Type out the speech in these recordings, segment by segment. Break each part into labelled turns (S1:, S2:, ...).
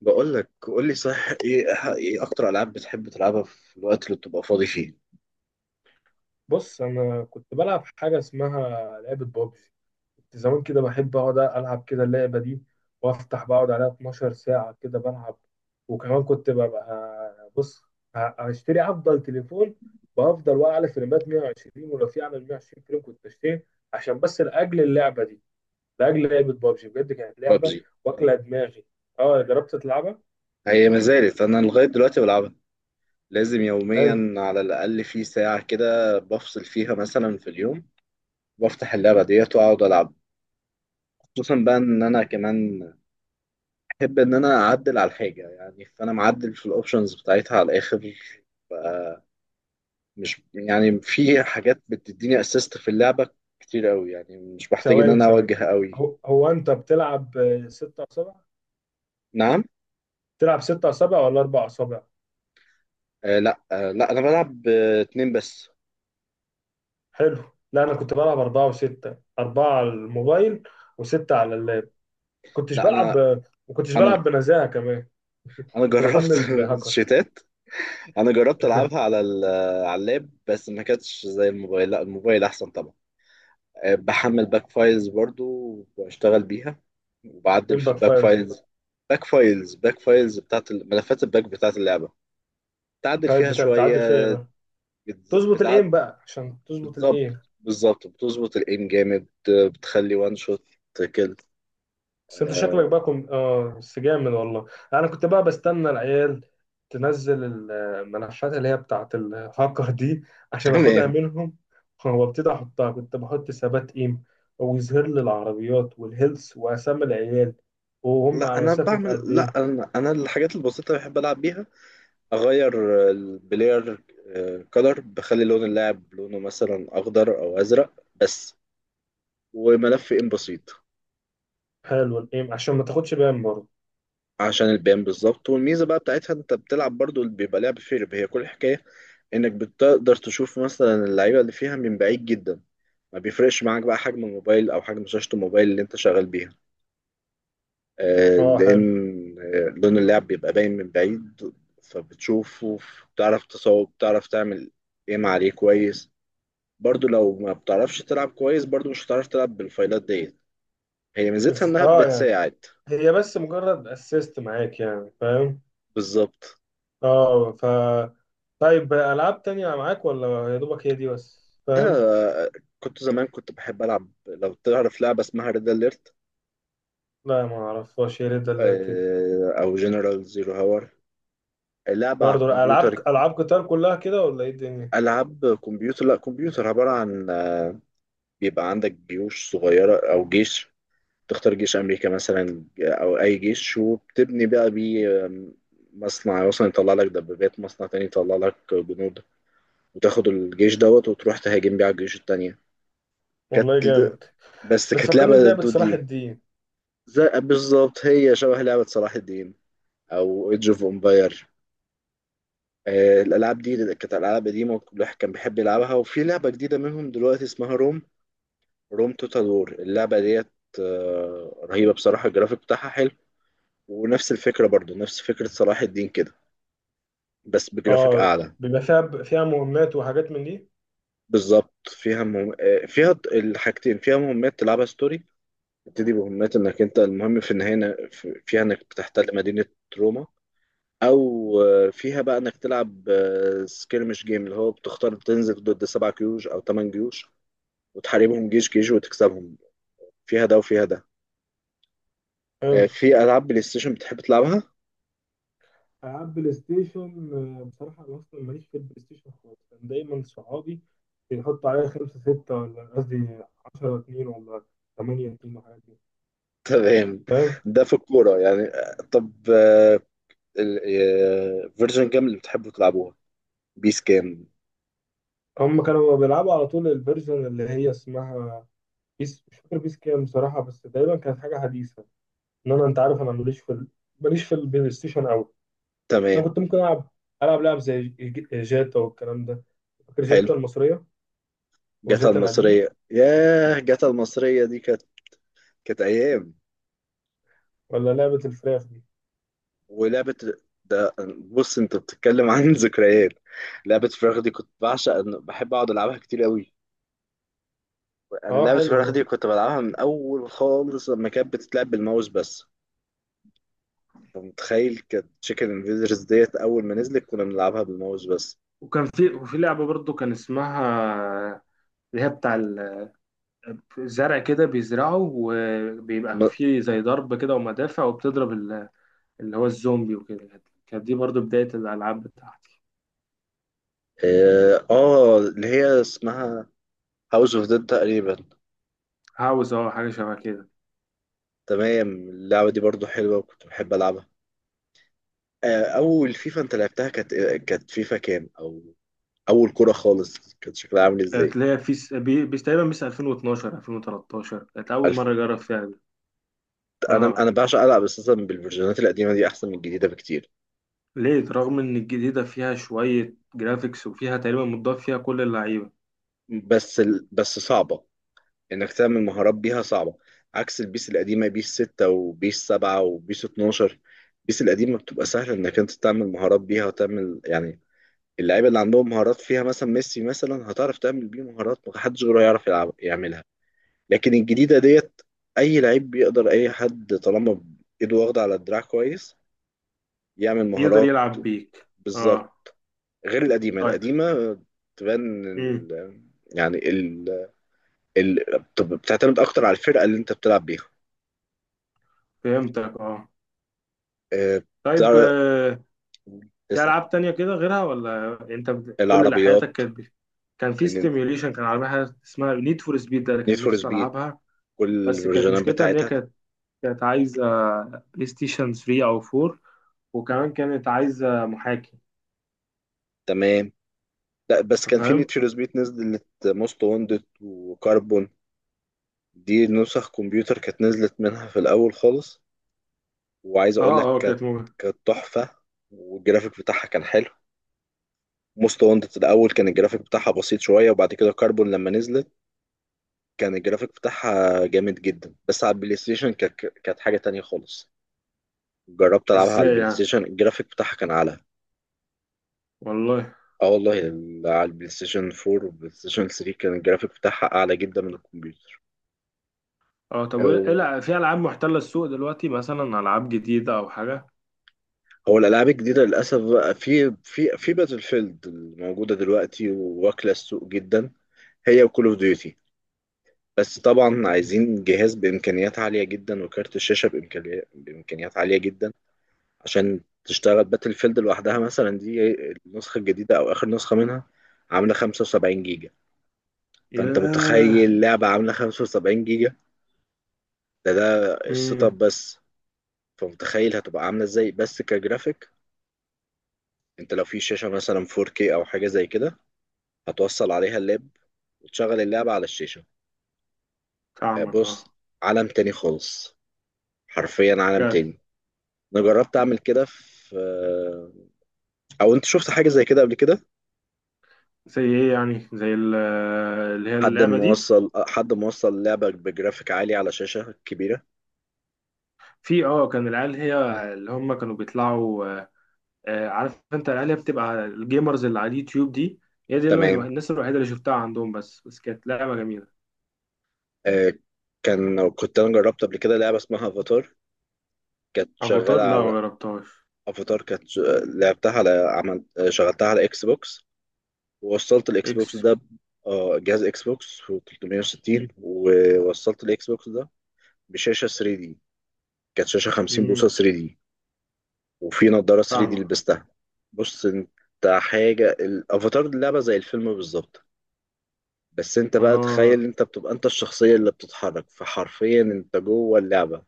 S1: بقول لك قول لي صح ايه. ايه اكتر العاب بتحب تلعبها في الوقت اللي بتبقى فاضي فيه؟
S2: بص، انا كنت بلعب حاجه اسمها لعبه بابجي. كنت زمان كده بحب اقعد العب كده اللعبه دي، وافتح بقعد عليها 12 ساعه كده بلعب. وكمان كنت ببقى بص، هشتري افضل تليفون بافضل، واقع على فريمات 120، ولو في اعمل 120 فريم كنت اشتري، عشان بس لاجل اللعبه دي، لاجل لعبه بابجي. بجد كانت لعبه
S1: بابجي.
S2: واكله دماغي. اه، جربت تلعبها؟
S1: هي ما زالت انا لغايه دلوقتي بلعبها، لازم
S2: حلو.
S1: يوميا على الاقل في ساعه كده بفصل فيها مثلا في اليوم. بفتح اللعبه ديت واقعد العب. خصوصا بقى ان انا كمان احب ان انا اعدل على الحاجه، يعني فانا معدل في الاوبشنز بتاعتها على الاخر. مش يعني في حاجات بتديني اسيست في اللعبه كتير قوي، يعني مش بحتاج ان
S2: ثواني
S1: انا
S2: ثواني.
S1: اوجه قوي.
S2: هو انت بتلعب، ستة اصابع؟
S1: نعم.
S2: بتلعب ستة اصابع ولا اربع اصابع؟
S1: لا، انا بلعب اتنين بس.
S2: حلو. لا، انا كنت بلعب اربعه وسته، اربعه على الموبايل وسته على اللاب. كنتش
S1: لا انا
S2: بلعب ما كنتش
S1: انا
S2: بلعب بنزاهه كمان.
S1: انا
S2: كنت
S1: جربت
S2: بحمل هاكرز.
S1: شيتات. انا جربت العبها على على اللاب، بس ما كانتش زي الموبايل، لا الموبايل احسن طبعا. بحمل باك فايلز برضو، وبشتغل بيها،
S2: ايه
S1: وبعدل في
S2: الباك
S1: الباك
S2: فايرز دي؟
S1: فايلز. باك فايلز بتاعت ملفات الباك بتاعت اللعبة، تعدل
S2: طيب
S1: فيها
S2: بتعدل فيها ايه
S1: شوية.
S2: بقى؟
S1: بتز...
S2: تظبط
S1: بتعد...
S2: الايم بقى، عشان تظبط
S1: بتظبط
S2: الايم.
S1: بالظبط، بتظبط الايم جامد، بتخلي وان شوت كده.
S2: بس انت شكلك بقى كنت، بس جامد والله. انا كنت بقى بستنى العيال تنزل الملفات اللي هي بتاعت الهاكر دي، عشان اخدها
S1: تمام.
S2: منهم وابتدي احطها. كنت بحط ثبات ايم، ويظهر لي العربيات والهيلث واسامي العيال، وهم
S1: لا
S2: على
S1: انا
S2: مسافة
S1: بعمل
S2: قد
S1: لا
S2: ايه.
S1: انا انا الحاجات البسيطه اللي بحب العب بيها، اغير البلاير كولر، بخلي لون اللاعب لونه مثلا اخضر او ازرق بس، وملف ان بسيط.
S2: حلو، الايم عشان ما تاخدش بان برضه.
S1: عشان البيان بالظبط. والميزه بقى بتاعتها، انت بتلعب برضو اللي بيبقى لعب فيرب، هي كل الحكايه انك بتقدر تشوف مثلا اللعيبه اللي فيها من بعيد جدا. ما بيفرقش معاك بقى حجم الموبايل او حجم شاشه الموبايل اللي انت شغال بيها،
S2: اه،
S1: لأن
S2: حلو.
S1: لون اللعب بيبقى باين من بعيد، فبتشوفه، بتعرف تصوب، بتعرف تعمل ايم عليه كويس. برضو لو ما بتعرفش تلعب كويس، برضو مش هتعرف تلعب بالفايلات ديت، هي ميزتها
S2: بس
S1: انها
S2: اه، يعني
S1: بتساعد.
S2: هي بس مجرد اسيست معاك، يعني فاهم.
S1: بالظبط.
S2: اه. طيب، العاب تانية معاك ولا يا دوبك هي دي بس؟
S1: ده
S2: فاهم.
S1: آه، كنت زمان، كنت بحب العب، لو تعرف لعبة اسمها ريد اليرت
S2: لا، ما اعرفهاش، يا ريت دلرتني.
S1: او جنرال زيرو هاور. لعبة على
S2: برضه، العاب
S1: الكمبيوتر.
S2: العاب قتال كلها كده ولا ايه الدنيا؟
S1: العاب كمبيوتر، لا كمبيوتر عبارة عن بيبقى عندك جيوش صغيرة او جيش، تختار جيش أمريكا مثلا أو أي جيش، وبتبني بقى بيه مصنع مثلا يطلع لك دبابات، مصنع تاني يطلع لك جنود، وتاخد الجيش دوت وتروح تهاجم بيه على الجيوش التانية. كانت،
S2: والله جامد.
S1: بس كانت
S2: بتفكرني
S1: لعبة
S2: بلعبة
S1: ضد
S2: صلاح
S1: دي.
S2: الدين.
S1: زي بالظبط، هي شبه لعبة صلاح الدين أو ايدج اوف امباير. الألعاب دي كانت ألعاب قديمة، الواحد كان بيحب يلعبها، وفي لعبة جديدة منهم دلوقتي اسمها روم، روم توتال وور اللعبة ديت، رهيبة بصراحة. الجرافيك بتاعها حلو ونفس الفكرة، برضو نفس فكرة صلاح الدين كده، بس بجرافيك
S2: اه،
S1: أعلى.
S2: بيبقى فيها مهمات وحاجات من دي؟
S1: بالظبط، فيها مهم... آه، فيها ت- الحاجتين، فيها مهمات تلعبها ستوري، تبتدي بمهمات إنك أنت المهم في النهاية، فيها إنك بتحتل مدينة روما أو فيها بقى إنك تلعب سكيرمش جيم، اللي هو بتختار تنزل ضد سبع جيوش أو تمن جيوش وتحاربهم جيش جيش وتكسبهم. فيها ده وفيها ده.
S2: حلو.
S1: في ألعاب بلاي ستيشن بتحب تلعبها؟
S2: العاب بلاي ستيشن. بصراحة انا اصلا ماليش في البلاي ستيشن خالص. كان دايما صحابي بيحطوا عليا خمسة ستة، ولا قصدي عشرة اتنين، ولا تمانية اتنين وحاجات دي.
S1: تمام.
S2: فاهم.
S1: ده في الكورة يعني. آه، طب آه، فيرجن جيم اللي بتحبوا تلعبوها، بيس كام؟
S2: هم كانوا بيلعبوا على طول الفيرجن اللي هي اسمها بيس. مش فاكر بيس كام بصراحة، بس دايما كانت حاجة حديثة. ان انا، انت عارف انا ماليش في ماليش في البلاي ستيشن قوي. انا
S1: تمام.
S2: كنت ممكن العب لعب زي جاتا والكلام ده. فاكر
S1: حلو.
S2: جاتا المصريه؟
S1: جاتا
S2: وجاتا القديمه.
S1: المصرية، ياه جاتا المصرية دي كانت، كانت أيام.
S2: ولا لعبه الفراخ دي.
S1: ولعبة، ده بص أنت بتتكلم عن ذكريات. لعبة فراخ دي كنت بعشق، بحب أقعد ألعبها كتير قوي. أنا
S2: اه،
S1: لعبة
S2: حلوه
S1: فراخ دي
S2: برضه.
S1: كنت بلعبها من أول خالص، لما كانت بتتلعب بالماوس بس. أنت متخيل؟ كانت تشيكن انفيدرز ديت، أول ما نزلت كنا بنلعبها بالماوس بس.
S2: وكان في، وفي لعبة برضو كان اسمها، اللي هي بتاع الزرع كده بيزرعه، وبيبقى
S1: م...
S2: فيه زي ضرب كده ومدافع، وبتضرب اللي هو الزومبي، وكده كانت دي برضو بداية الألعاب بتاعتي.
S1: آه آه، اللي هي اسمها هاوس اوف ديد تقريبا.
S2: هاوس، حاجة شبه كده.
S1: تمام، اللعبة دي برضو حلوة وكنت بحب ألعبها. أول فيفا أنت لعبتها كانت إيه؟ كانت فيفا كام، أو أول كرة خالص كانت شكلها عامل
S2: كانت
S1: إزاي؟
S2: اللي هي في بيس تقريبا، بيس 2012، 2013 كانت أول
S1: ألف...
S2: مرة أجرب فيها دي. اه.
S1: أنا بعشق ألعب أساسا بالفيرجنات القديمة دي، أحسن من الجديدة بكتير.
S2: ليه؟ رغم إن الجديدة فيها شوية جرافيكس، وفيها تقريبا متضاف فيها كل اللعيبة،
S1: بس صعبة إنك تعمل مهارات بيها، صعبة عكس البيس القديمة، بيس 6 وبيس 7 وبيس 12. البيس القديمة بتبقى سهلة إنك أنت تعمل مهارات بيها وتعمل يعني، اللعيبة اللي عندهم مهارات فيها مثلا، ميسي مثلا هتعرف تعمل بيه مهارات محدش غيره يعرف يلعب يعملها. لكن الجديده ديت، اي لعيب بيقدر، اي حد طالما ايده واخده على الدراع كويس يعمل
S2: يقدر
S1: مهارات.
S2: يلعب بيك. اه،
S1: بالظبط. غير القديمه
S2: طيب.
S1: القديمه تبان
S2: امم
S1: ال... يعني ال... ال... بتب- بتعتمد اكتر على الفرقه اللي انت بتلعب بيها.
S2: فهمتك، اه،
S1: آه،
S2: طيب،
S1: بتعرف
S2: آه. في
S1: تسال.
S2: ألعاب تانية كده غيرها ولا أنت كل اللي حياتك
S1: العربيات.
S2: كانت كان في
S1: ان،
S2: ستيميوليشن. كان عربية حاجة اسمها نيد فور سبيد، ده اللي
S1: نيد
S2: كان
S1: فور
S2: نفسي
S1: سبيد،
S2: ألعبها.
S1: كل
S2: بس كانت
S1: الفيرجنات
S2: مشكلتها إن هي
S1: بتاعتها.
S2: كانت عايزة بلاي ستيشن 3 أو 4، وكمان كانت عايزة محاكي.
S1: تمام. لا بس
S2: انت
S1: كان في نيد
S2: فاهم.
S1: فور سبيد نزلت موست واندد وكاربون، دي نسخ كمبيوتر كانت نزلت منها في الاول خالص، وعايز اقول لك
S2: اه، اه،
S1: كانت،
S2: كانت مغرية.
S1: كانت تحفه، والجرافيك بتاعها كان حلو. موست وانتد الاول كان الجرافيك بتاعها بسيط شويه، وبعد كده كاربون لما نزلت كان الجرافيك بتاعها جامد جدا. بس على البلاي ستيشن كانت، كانت حاجه تانية خالص. جربت العبها على
S2: ازاي
S1: البلاي
S2: يعني؟
S1: ستيشن الجرافيك بتاعها كان اعلى.
S2: والله.
S1: اه والله، على البلاي ستيشن 4 والبلاي ستيشن 3 كان الجرافيك بتاعها اعلى جدا من الكمبيوتر.
S2: اه، طب وايه،
S1: أو-
S2: في العاب محتلة السوق دلوقتي، مثلا العاب جديدة او حاجة؟
S1: هو الالعاب الجديده للاسف بقى، في باتل فيلد الموجوده دلوقتي واكله السوق جدا، هي وكول اوف ديوتي. بس طبعا عايزين جهاز بإمكانيات عالية جدا وكارت الشاشة بإمكانيات عالية جدا عشان تشتغل باتل فيلد لوحدها مثلا. دي النسخة الجديدة أو آخر نسخة منها عاملة 75 جيجا. فأنت
S2: ياه.
S1: متخيل لعبة عاملة 75 جيجا؟ ده السيت اب
S2: امم
S1: بس. فمتخيل هتبقى عاملة ازاي بس كجرافيك. انت لو في شاشة مثلا 4K أو حاجة زي كده، هتوصل عليها اللاب وتشغل اللعبة على الشاشة.
S2: فاهمك،
S1: بص،
S2: اه.
S1: عالم تاني خالص، حرفيا عالم
S2: بجد.
S1: تاني. انا جربت اعمل كده في، او انت شفت حاجه زي كده قبل كده؟
S2: زي ايه يعني؟ زي اللي هي اللعبه دي.
S1: حد موصل لعبه بجرافيك عالي على شاشه كبيره.
S2: في، كان العيال هي اللي هم كانوا بيطلعوا، عارف انت العيال هي بتبقى الجيمرز اللي على اليوتيوب دي. هي دي اللي
S1: تمام.
S2: الناس الوحيده اللي شفتها عندهم. بس كانت لعبه جميله.
S1: آه، كنت انا جربت قبل كده لعبه اسمها افاتار. كانت
S2: افاتار،
S1: شغاله
S2: لا ما
S1: على،
S2: جربتهاش.
S1: افاتار، لعبتها على، عملت شغلتها على اكس بوكس، ووصلت الاكس بوكس
S2: اكس.
S1: ده جهاز اكس بوكس و 360، ووصلت الاكس بوكس ده بشاشه 3 دي، كانت شاشه 50 بوصه
S2: امم
S1: 3 دي، وفي نظارة 3 دي
S2: فاهمة.
S1: لبستها. بص انت، حاجة الافاتار دي لعبة زي الفيلم بالظبط، بس انت بقى
S2: اه،
S1: تخيل انت بتبقى انت الشخصية اللي بتتحرك، فحرفيا انت جوه اللعبة.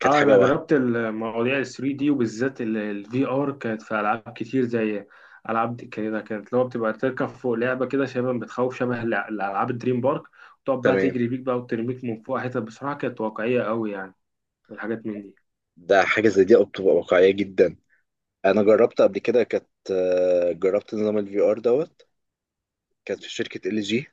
S1: كانت حاجة
S2: انا
S1: وهم.
S2: جربت المواضيع ال 3 دي، وبالذات الفي ار، كانت في العاب كتير زي العاب دي كده. كانت اللي هو بتبقى تركب فوق لعبه كده، شبه بتخوف، شبه الالعاب الدريم بارك، وتقعد بقى
S1: تمام.
S2: تجري بيك بقى وترميك من فوق حتت. بصراحه كانت واقعيه قوي يعني، والحاجات من دي.
S1: ده حاجة زي دي بتبقى واقعية جدا. انا جربت قبل كده، كانت جربت نظام الفي ار دوت، كانت في شركة ال جي.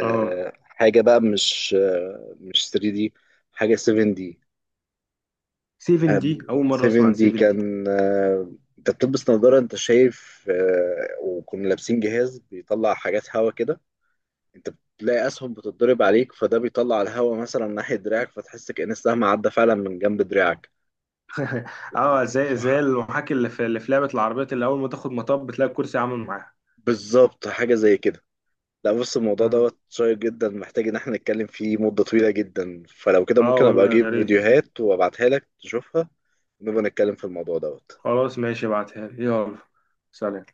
S2: اه،
S1: حاجة بقى مش 3 دي، حاجة 7 دي.
S2: 7 دي اول مره اسمع
S1: 7
S2: عن
S1: دي
S2: 7 دي.
S1: كان، انت بتلبس نظارة انت شايف، وكنا لابسين جهاز بيطلع حاجات هوا كده. انت بتلاقي اسهم بتتضرب عليك، فده بيطلع الهوا مثلا ناحية دراعك، فتحس كأن السهم عدى فعلا من جنب دراعك.
S2: اه، زي
S1: ف-
S2: زي المحاكي اللي في، لعبه العربيات اللي اول ما تاخد مطب بتلاقي الكرسي عامل معاها.
S1: بالظبط حاجة زي كده. لا بص، الموضوع
S2: اه،
S1: دوت شيق جدا، محتاج ان احنا نتكلم فيه مدة طويلة جدا، فلو كده
S2: اه،
S1: ممكن ابقى
S2: والله يا
S1: اجيب
S2: ريت.
S1: فيديوهات وابعتها لك تشوفها، ونبقى نتكلم في الموضوع دوت.
S2: خلاص، ماشي، ابعتها لي يلا. سلام.